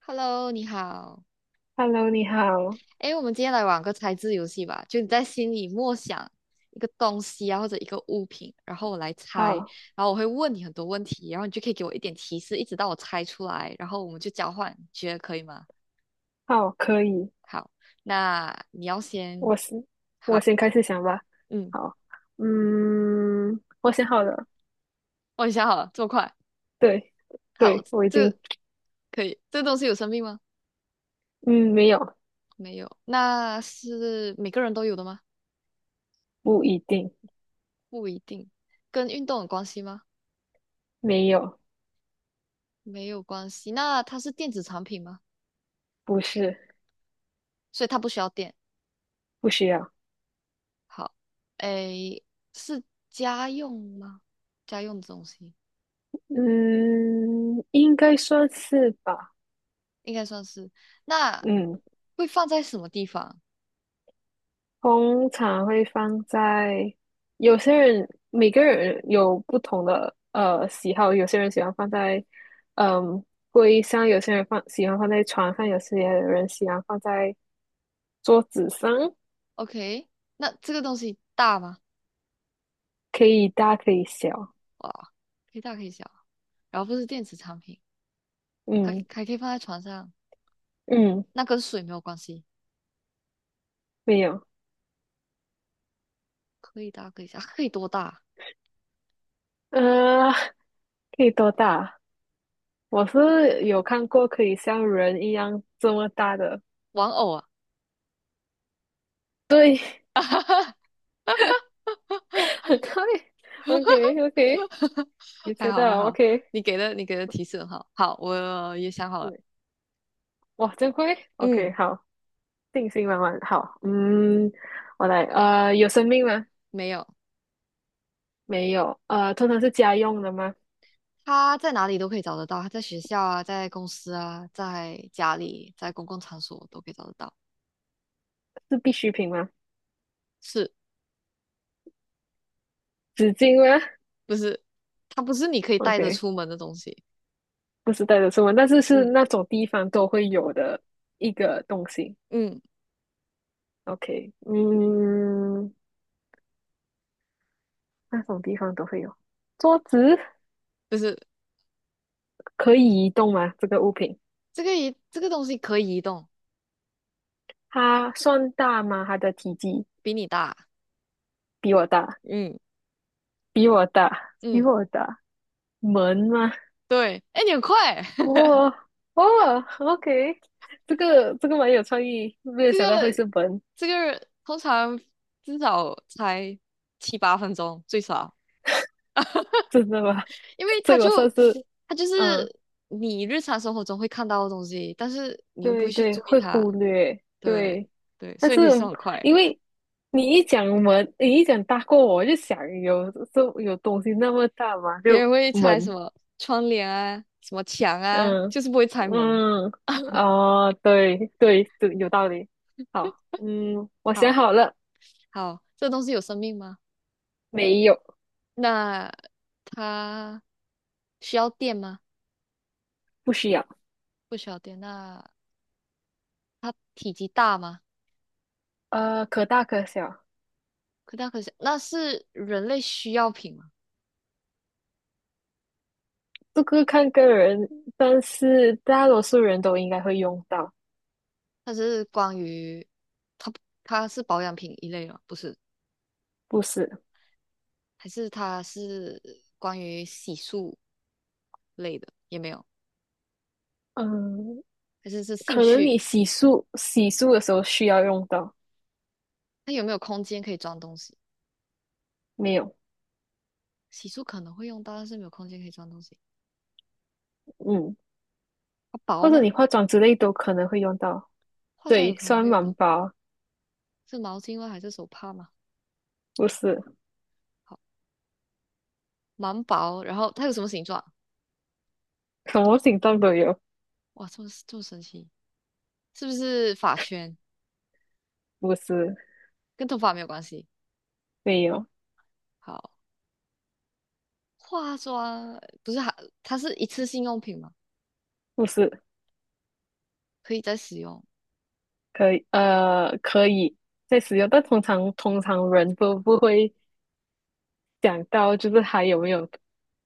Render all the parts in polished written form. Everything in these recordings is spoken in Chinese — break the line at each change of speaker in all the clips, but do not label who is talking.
Hello，你好。
Hello，你好，
诶，我们今天来玩个猜字游戏吧。就你在心里默想一个东西啊，或者一个物品，然后我来猜，
好，
然后我会问你很多问题，然后你就可以给我一点提示，一直到我猜出来，然后我们就交换，你觉得可以吗？
好，可以，
好，那你要先，
我是我
好，
先开始想吧。
嗯，
好，嗯，我想好了，
我已经想好了，这么快，
对，
好，
对，我已经，
这可以。这个东西有生命吗？
嗯，没有，
没有。那是每个人都有的吗？
不一定，
不一定。跟运动有关系吗？
没有，
没有关系。那它是电子产品吗？
不是，
所以它不需要电。
不需要，
好，诶，是家用吗？家用的东西
嗯，应该算是吧，
应该算是。那
嗯，
会放在什么地方
通常会放在有些人，每个人有不同的喜好，有些人喜欢放在嗯柜上，有些人放喜欢放在床上，有些人喜欢放在桌子上，
？OK，那这个东西大吗？
可以大可以小。
哇，可以大可以小。然后不是电子产品，还
嗯
还可以放在床上。
嗯，
那跟水没有关系，
没有，
可以大可以小，可以多大？
呃，可以多大？我是有看过可以像人一样这么大的，
玩偶啊，
对，很快，OK OK，你
还
猜
好还
到
好，
OK，
你给的提示很好。好，我也想好了。
嗯，哇，真快，OK，
嗯，
好。定心丸丸，好，嗯，我来，有生命吗？
没有。
没有，通常是家用的吗？
他在哪里都可以找得到，他在学校啊，在公司啊，在家里，在公共场所都可以找得到。
是必需品吗？
是
纸巾吗
不是？它不是你可以带着
？OK，
出门的东西。
不是带着出门，但是是
嗯
那种地方都会有的一个东西。
嗯，
OK，嗯，那种地方都会有。桌子
不是
可以移动吗？这个物品
这个移这个东西可以移动，
它算大吗？它的体积
比你大。
比我大，
嗯，
比我大，比
嗯，
我大。门吗？
对。哎，你很快，
哦哦，OK，这个蛮有创意，没有
这
想到会
个
是门，
这个通常至少才7、8分钟最少，
真的吗？
因 为
所
它
以
就
我算是，
它就
嗯，
是你日常生活中会看到的东西，但是你又不
对
会去
对，
注意
会
它。
忽略，
对
对。
对，
但
所以
是
你是很快，
因为你一讲门，你一讲大过我，我就想有这有东西那么大嘛，
别
就
人会拆什
门，
么窗帘啊，什么墙啊，
嗯
就是不会拆门。
嗯，哦，对对对，有道理。好，嗯，我想
好
好了，
好，这东西有生命吗？
没有，
那它需要电吗？
不需要，
不需要电。那它体积大吗？
可大可小，
可大可小。那是人类需要品吗？
这个看个人，但是大多数人都应该会用到，
它是它不它是保养品一类吗？不是，
不是？
还是它是关于洗漱类的？也没有，
嗯，
还是是兴
可能你
趣？
洗漱的时候需要用到，
它有没有空间可以装东西？
没有，
洗漱可能会用到，但是没有空间可以装东西。
嗯，
它薄
或者
吗？
你化妆之类都可能会用到。
化妆有
对，
可能
酸
会用
满
到，
包
是毛巾吗？还是手帕吗？
不是，
好，蛮薄。然后它有什么形状？
什么形状都有，
哇，这么神奇，是不是发圈？
不是，
跟头发没有关系。
没有，
好，化妆不是还它是一次性用品吗？
不是，
可以再使用，
可以，可以在使用，但通常人都不会想到，就是还有没有，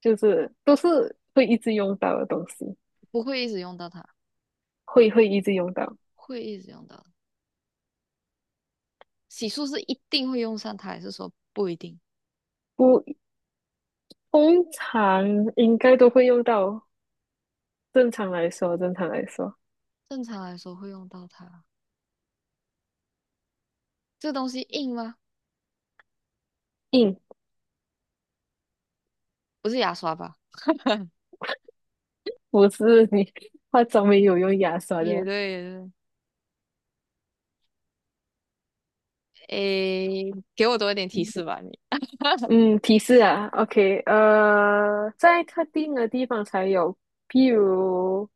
就是都是会一直用到的东西，
不会一直用到它，
会一直用到。
会一直用到。洗漱是一定会用上它，还是说不一定？
不，通常应该都会用到。正常来说，正常来说，
正常来说会用到它。这个东西硬吗？
嗯，
不是牙刷吧？
不是你 化妆没有用牙刷
也
的。
对，也对。诶，给我多一点提示吧，你。
嗯，提示啊，OK，在特定的地方才有，譬如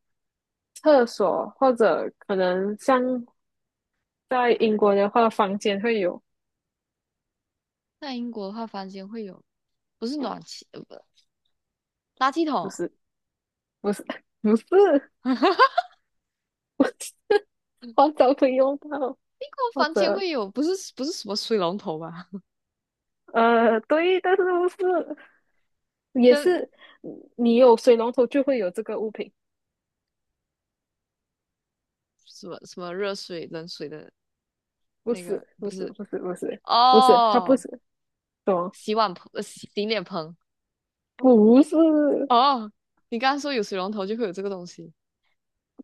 厕所，或者可能像在英国的话，房间会有，
在英国的话，房间会有，不是暖气，不，垃圾
不
桶。
是，不是，不是，不是，
英
化妆会用到，
国
或
房间
者
会有，不是不是什么水龙头吧？
对，但是不是。也
跟
是，嗯你有水龙头就会有这个物品，
什么什么热水、冷水的
不
那个
是，
不
不是，
是
不是，不是，不是，它不
哦，
是，什么？
洗碗盆、洗洗脸盆。
不是，
哦，你刚刚说有水龙头就会有这个东西，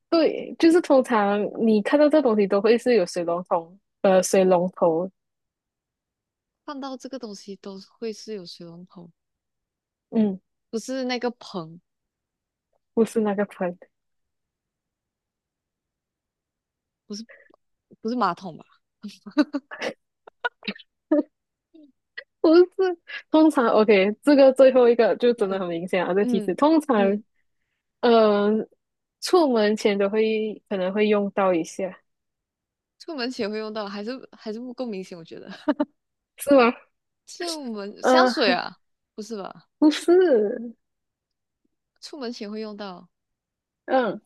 对，就是通常你看到这东西都会是有水龙头，呃，水龙头，
看到这个东西都会是有水龙头，
嗯，
不是那个盆，
不是那个盆，
不是不是马桶吧？
不是，通常，OK，这个最后一个就真的
嗯
很明显啊，这提示，
嗯
通常，
嗯，
嗯、呃出门前都会可能会用到一下，
出门前会用到，还是还是不够明显，我觉得。
是吗？
这我们香水
嗯，
啊，不是吧？
不是，
出门前会用到，
嗯、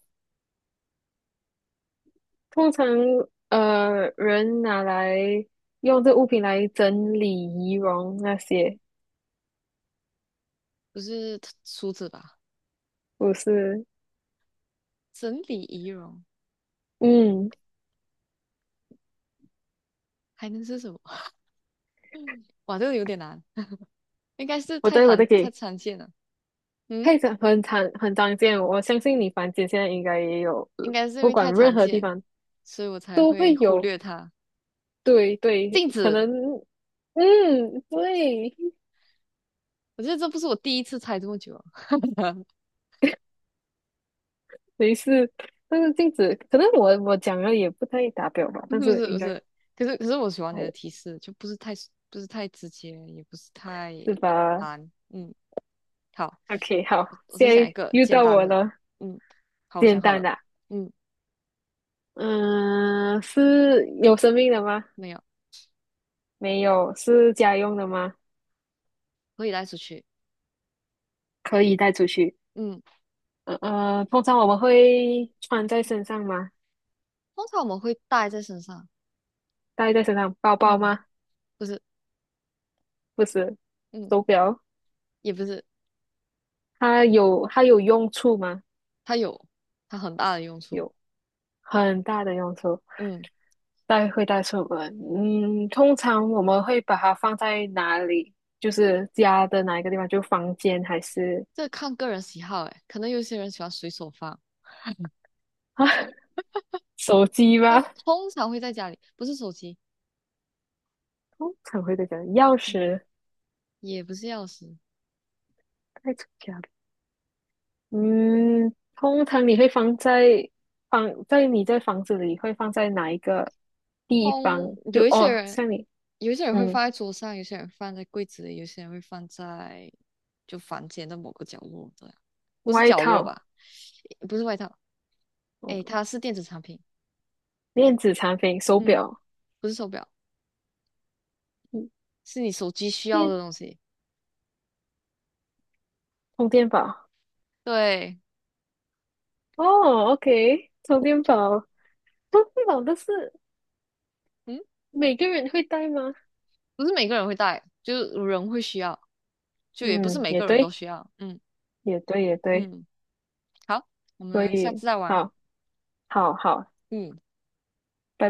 通常人拿来用这物品来整理仪容那些，
不是梳子吧？
不是？
整理仪容
嗯，
还能是什么？哇，这个有点难，应该是太
我
常
在
太
给，
常见了。嗯，
配着很常见，我相信你房间现在应该也有，
应该是因
不
为太
管任
常
何地
见，
方
所以我才
都会
会忽
有。
略它。
对对，
镜
可
子，
能嗯，对，
我觉得这不是我第一次猜这么久啊，
没事。但是镜子，可能我讲了也不太达标吧，
不是
但
不
是
是
应
不
该
是，可是我喜欢你
还
的
有
提示，就不是太不是太直接，也不是太
是吧
难。嗯，好。
？OK，好，
我
现
在想一
在
个
又
简
到
单
我
的，
了，
嗯，好，我
简
想好
单
了，
的。
嗯，
嗯、是有生命的吗？
没有，
没有，是家用的吗？
可以带出去，
可以带出去。
嗯，
通常我们会穿在身上吗？
通常我们会带在身上，
戴在身上，包包
嗯，
吗？
不是，
不是，
嗯，
手表。
也不是，
它有用处吗？
它有它很大的用处，
有很大的用处，
嗯，
带会带出门。嗯，通常我们会把它放在哪里？就是家的哪一个地方？就房间还是
这看个人喜好，诶，可能有些人喜欢随手放，
啊 手机
那
吗？
通常会在家里，不是手机，
通常会在家，钥
嗯，
匙
也不是钥匙，
带出家嗯，通常你会放在你在房子里会放在哪一个地
通
方？就
有一些
哦，
人，
像你，
有一些人会
嗯，
放在桌上，有些人放在柜子里，有些人会放在就房间的某个角落，这样，不是
外
角落
套，
吧，不是外套。
嗯，
诶，它是电子产品，
电子产品，手
嗯，
表，
不是手表，
嗯，
是你手机需要的
电
东西。
充电宝。
对，
哦，OK，充电宝，充电宝都是
嗯，
每个人会带吗？
不是每个人会带，就是人会需要，就也不是
嗯，
每
也
个人都
对，
需要。嗯
也对，也对，
嗯，好，我
所
们下
以
次再玩。
好，好，好，
嗯。
拜拜。